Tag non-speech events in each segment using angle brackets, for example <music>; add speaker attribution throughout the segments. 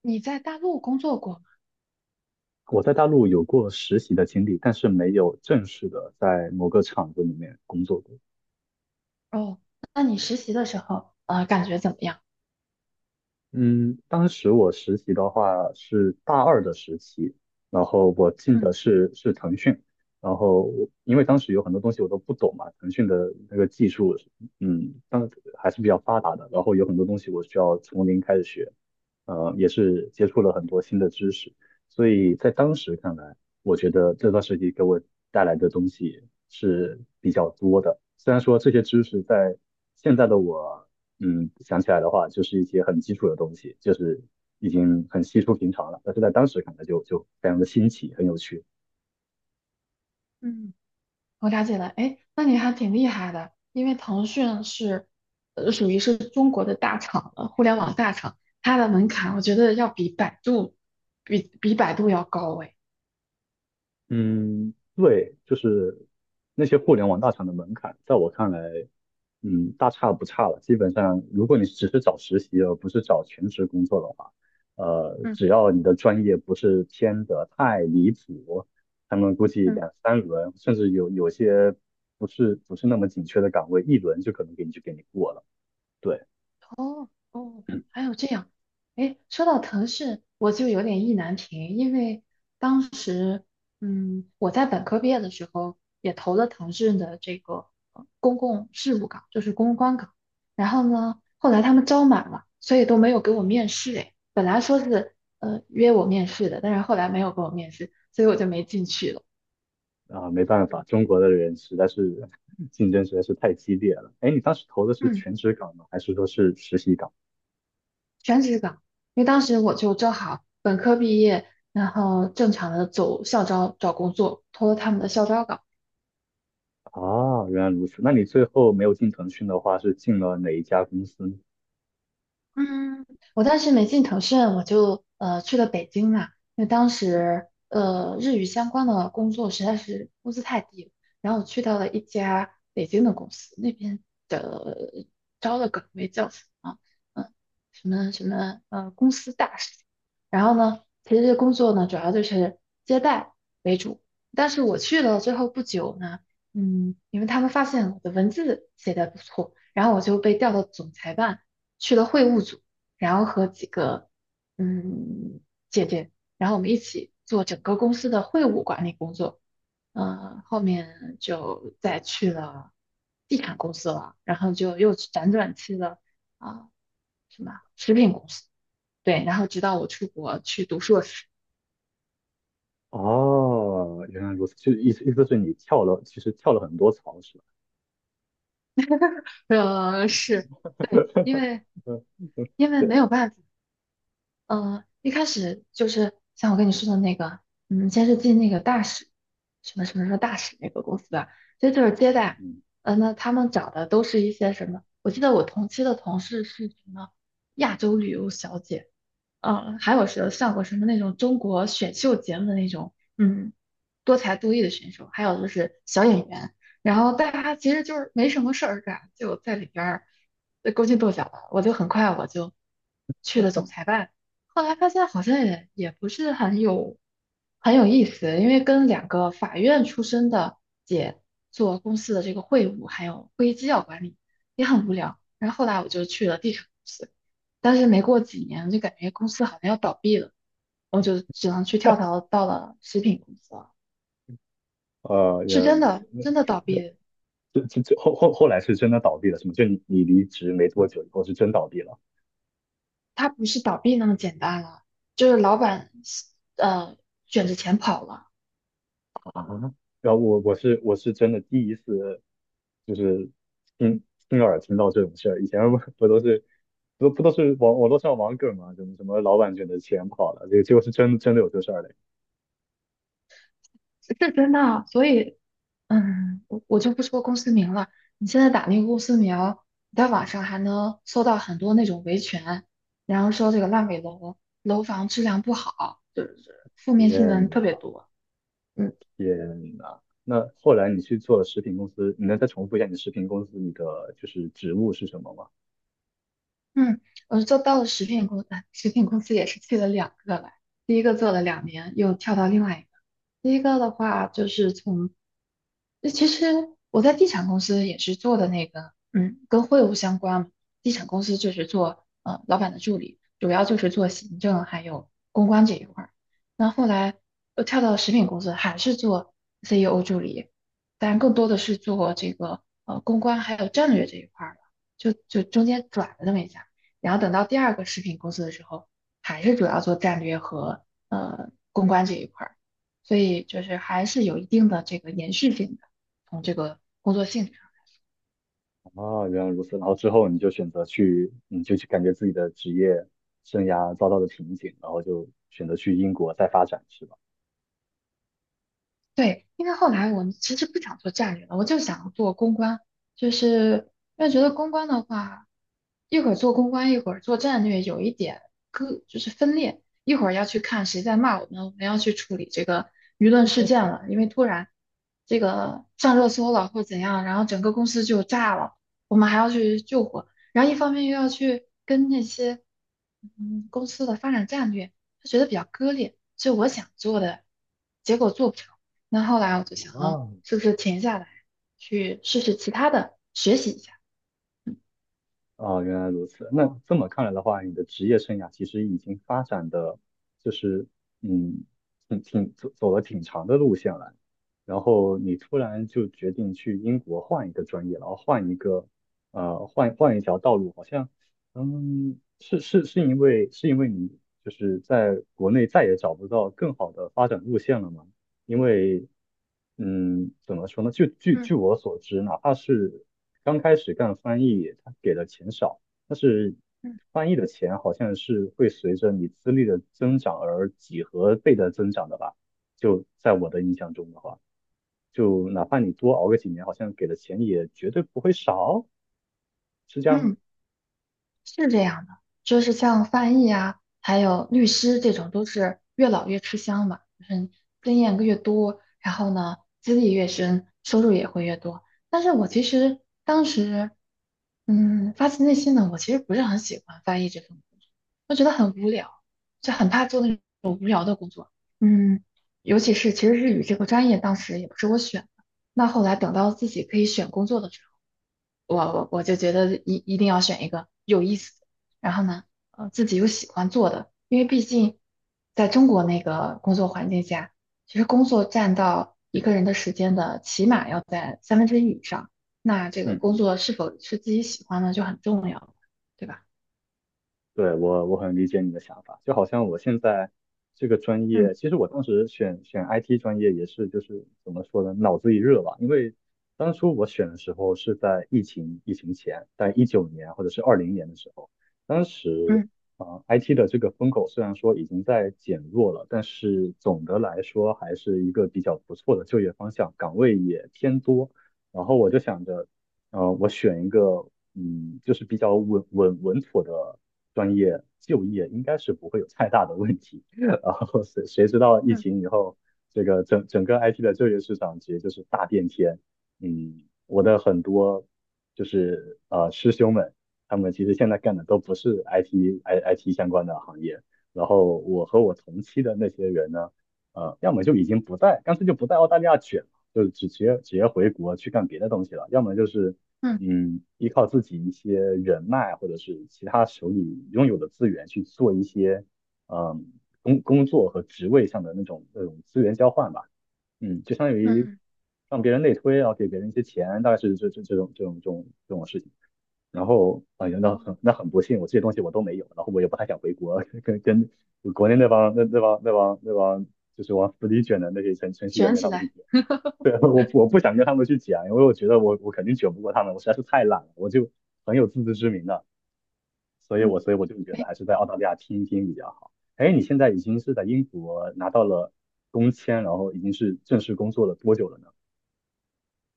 Speaker 1: 你在大陆工作过
Speaker 2: 我在大陆有过实习的经历，但是没有正式的在某个厂子里面工作过。
Speaker 1: 哦？那你实习的时候，感觉怎么样？
Speaker 2: 嗯，当时我实习的话是大二的时期，然后我进
Speaker 1: 嗯。
Speaker 2: 的是腾讯，然后我因为当时有很多东西我都不懂嘛，腾讯的那个技术，嗯，当还是比较发达的，然后有很多东西我需要从零开始学，也是接触了很多新的知识，所以在当时看来，我觉得这段时期给我带来的东西是比较多的，虽然说这些知识在现在的我。想起来的话，就是一些很基础的东西，就是已经很稀疏平常了。但是在当时看来就非常的新奇，很有趣。
Speaker 1: 嗯。我了解了，哎，那你还挺厉害的，因为腾讯是，属于是中国的大厂了，互联网大厂，它的门槛我觉得要比百度，比百度要高诶，
Speaker 2: 嗯，对，就是那些互联网大厂的门槛，在我看来，大差不差了。基本上，如果你只是找实习而不是找全职工作的话，
Speaker 1: 嗯。
Speaker 2: 只要你的专业不是偏得太离谱，他们估计
Speaker 1: 嗯。
Speaker 2: 两三轮，甚至有些不是那么紧缺的岗位，一轮就可能给你过了。对。
Speaker 1: 哦哦，还有这样，哎，说到腾讯，我就有点意难平，因为当时，嗯，我在本科毕业的时候也投了腾讯的这个公共事务岗，就是公关岗，然后呢，后来他们招满了，所以都没有给我面试，哎，本来说是约我面试的，但是后来没有给我面试，所以我就没进去了。
Speaker 2: 啊，没办法，中国的人实在是 <laughs> 竞争实在是太激烈了。哎，你当时投的是
Speaker 1: 嗯。
Speaker 2: 全职岗吗？还是说是实习岗？
Speaker 1: 全职岗，因为当时我就正好本科毕业，然后正常的走校招找工作，投了他们的校招岗。
Speaker 2: 啊，原来如此。那你最后没有进腾讯的话，是进了哪一家公司呢？
Speaker 1: 嗯，我当时没进腾讯，我就去了北京嘛，因为当时日语相关的工作实在是工资太低了，然后我去到了一家北京的公司，那边的招的岗位叫什么？嗯，什么什么公司大使。然后呢，其实这工作呢主要就是接待为主，但是我去了之后不久呢，嗯，因为他们发现我的文字写的不错，然后我就被调到总裁办。去了会务组，然后和几个嗯姐姐，然后我们一起做整个公司的会务管理工作。后面就再去了地产公司了，然后就又辗转去了啊、什么食品公司，对，然后直到我出国去读硕士，
Speaker 2: 哦，原来如此，就意思是你跳了，其实跳了很多槽是吧？
Speaker 1: <laughs> 是对，因
Speaker 2: <laughs>
Speaker 1: 为
Speaker 2: 嗯，对，
Speaker 1: 没有办法，一开始就是像我跟你说的那个，嗯，先是进那个大使，什么大使那个公司吧，其就是接待，
Speaker 2: 嗯，
Speaker 1: 那他们找的都是一些什么？我记得我同期的同事是什么亚洲旅游小姐，嗯，还有是上过什么那种中国选秀节目的那种，嗯，多才多艺的选手，还有就是小演员，然后大家其实就是没什么事儿干，就在里边儿勾心斗角的。我就很快去了总裁办，后来发现好像也不是很有很有意思，因为跟两个法院出身的姐做公司的这个会务还有会议纪要管理也很无聊。然后后来我就去了地产公司。但是没过几年就感觉公司好像要倒闭了，我就只能去跳槽到了食品公司了。是
Speaker 2: 原来
Speaker 1: 真
Speaker 2: 如
Speaker 1: 的，
Speaker 2: 此。那
Speaker 1: 真的倒闭了，
Speaker 2: 这这这后后后来是真的倒闭了是吗？就你离职没多久以后是真倒闭了。
Speaker 1: 它不是倒闭那么简单了，就是老板呃卷着钱跑了，
Speaker 2: 啊，然后我是真的第一次，就是亲亲耳听到这种事儿。以前不都是网络上网梗嘛，什么什么老板卷的钱跑了，这个结果是真的有这事儿嘞！
Speaker 1: 是是真的啊。所以嗯，我就不说公司名了，你现在打那个公司名，你在网上还能搜到很多那种维权，然后说这个烂尾楼楼房质量不好，就是负面新闻
Speaker 2: 天呐
Speaker 1: 特别多。嗯。
Speaker 2: 天呐！那后来你去做食品公司，你能再重复一下你食品公司你的就是职务是什么吗？
Speaker 1: 嗯，我做到了食品公，哎食品公司也是去了两个来，第一个做了两年，又跳到另外一个。第一个的话就是从，那其实我在地产公司也是做的那个，嗯，跟会务相关嘛。地产公司就是做老板的助理，主要就是做行政还有公关这一块儿。那后来又跳到食品公司，还是做 CEO 助理，但更多的是做这个公关还有战略这一块儿了，就中间转了那么一下。然后等到第二个食品公司的时候，还是主要做战略和公关这一块儿，所以就是还是有一定的这个延续性的，从这个工作性质。
Speaker 2: 啊，原来如此。然后之后你就去感觉自己的职业生涯遭到了瓶颈，然后就选择去英国再发展，是吧？
Speaker 1: 对，因为后来我们其实不想做战略了，我就想做公关，就是因为觉得公关的话，一会儿做公关，一会儿做战略，有一点割就是分裂，一会儿要去看谁在骂我们，我们要去处理这个舆论事件了，因为突然这个上热搜了或怎样，然后整个公司就炸了，我们还要去救火，然后一方面又要去跟那些公司的发展战略，就觉得比较割裂，所以我想做的结果做不成。那后来我就想啊，
Speaker 2: 啊，
Speaker 1: 是不是停下来去试试其他的，学习一下？
Speaker 2: 哦，原来如此。那这么看来的话，你的职业生涯其实已经发展的，就是嗯，挺挺走走了挺长的路线了。然后你突然就决定去英国换一个专业，然后换一条道路，好像是是是因为是因为你就是在国内再也找不到更好的发展路线了吗？因为，怎么说呢？就据
Speaker 1: 嗯。
Speaker 2: 据我所知，哪怕是刚开始干翻译，他给的钱少，但是
Speaker 1: 嗯。
Speaker 2: 翻译的钱好像是会随着你资历的增长而几何倍的增长的吧？就在我的印象中的话，就哪怕你多熬个几年，好像给的钱也绝对不会少，是这样吗？
Speaker 1: 嗯，是这样的，就是像翻译啊，还有律师这种，都是越老越吃香嘛，就是经验越多，然后呢，资历越深，收入也会越多。但是我其实当时，嗯，发自内心的，我其实不是很喜欢翻译这份工作。就很怕做那种无聊的工作。嗯，尤其是其实日语这个专业当时也不是我选的，那后来等到自己可以选工作的时候，我就觉得一定要选一个有意思的，然后呢，自己又喜欢做的，因为毕竟在中国那个工作环境下，其实工作占到一个人的时间的起码要在三分之一以上，那这个
Speaker 2: 嗯
Speaker 1: 工
Speaker 2: 嗯，
Speaker 1: 作是否是自己喜欢的就很重要了，对吧？
Speaker 2: 对，我很理解你的想法，就好像我现在这个专
Speaker 1: 嗯。
Speaker 2: 业，其实我当时选 IT 专业也是就是怎么说呢，脑子一热吧，因为当初我选的时候是在疫情前，在19年或者是20年的时候，当时
Speaker 1: 嗯。
Speaker 2: IT 的这个风口虽然说已经在减弱了，但是总的来说还是一个比较不错的就业方向，岗位也偏多，然后我就想着。我选一个，就是比较稳妥的专业就业应该是不会有太大的问题。<laughs> 然后谁知道疫
Speaker 1: 嗯。
Speaker 2: 情以后，这个整个 IT 的就业市场其实就是大变天。我的很多就是师兄们，他们其实现在干的都不是 IT IT 相关的行业。然后我和我同期的那些人呢，要么就已经不在，干脆就不在澳大利亚卷了，就直接回国去干别的东西了；要么就是
Speaker 1: 嗯。
Speaker 2: 依靠自己一些人脉或者是其他手里拥有的资源去做一些，嗯，工作和职位上的那种资源交换吧。就相当于
Speaker 1: 嗯，
Speaker 2: 让别人内推，然后给别人一些钱，大概是这种事情。然后，哎呀，那
Speaker 1: 嗯
Speaker 2: 很那很不幸，我这些东西我都没有，然后我也不太想回国，<laughs> 跟国内那帮就是往死里卷的那些程序员
Speaker 1: 卷
Speaker 2: 跟
Speaker 1: 起
Speaker 2: 他们去
Speaker 1: 来。
Speaker 2: 比。对，<laughs> 我不想跟他们去讲，因为我觉得我肯定卷不过他们，我实在是太懒了，我就很有自知之明的，所以
Speaker 1: 嗯。
Speaker 2: 我所以我就觉得
Speaker 1: 哎，
Speaker 2: 还是在澳大利亚听一听比较好。哎，你现在已经是在英国拿到了工签，然后已经是正式工作了多久了呢？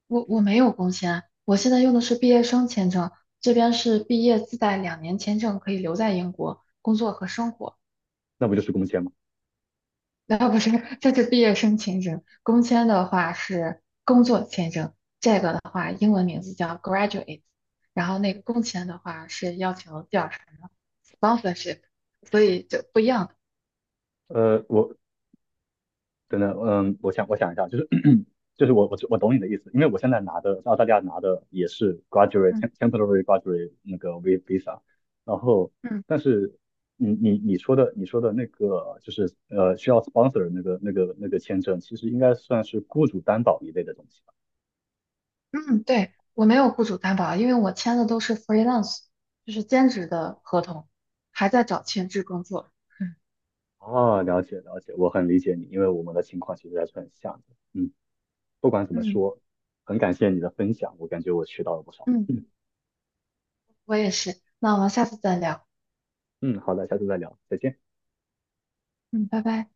Speaker 1: 我没有工签，我现在用的是毕业生签证，这边是毕业自带两年签证，可以留在英国工作和生活。
Speaker 2: 那不就是工签吗？
Speaker 1: 啊，不是，这是毕业生签证，工签的话是工作签证，这个的话英文名字叫 graduate，然后那个工签的话是要求第二什么 sponsorship，所以就不一样的。
Speaker 2: 我真的，我想一下，就是 <clears throat> 就是我懂你的意思，因为我现在拿的在澳大利亚拿的也是 graduate
Speaker 1: 嗯。
Speaker 2: temporary graduate 那个 visa，然后
Speaker 1: 嗯。
Speaker 2: 但是你说的那个就是需要 sponsor 那个签证，其实应该算是雇主担保一类的东西吧。
Speaker 1: 嗯，对，我没有雇主担保啊，因为我签的都是 freelance，就是兼职的合同，还在找全职工作。嗯。
Speaker 2: 哦，了解了解，我很理解你，因为我们的情况其实还是很像的。嗯，不管怎么
Speaker 1: 嗯，
Speaker 2: 说，很感谢你的分享，我感觉我学到了不少。
Speaker 1: 嗯
Speaker 2: 嗯
Speaker 1: 我也是。那我们下次再聊。
Speaker 2: 嗯，好的，下次再聊，再见。
Speaker 1: 嗯，拜拜。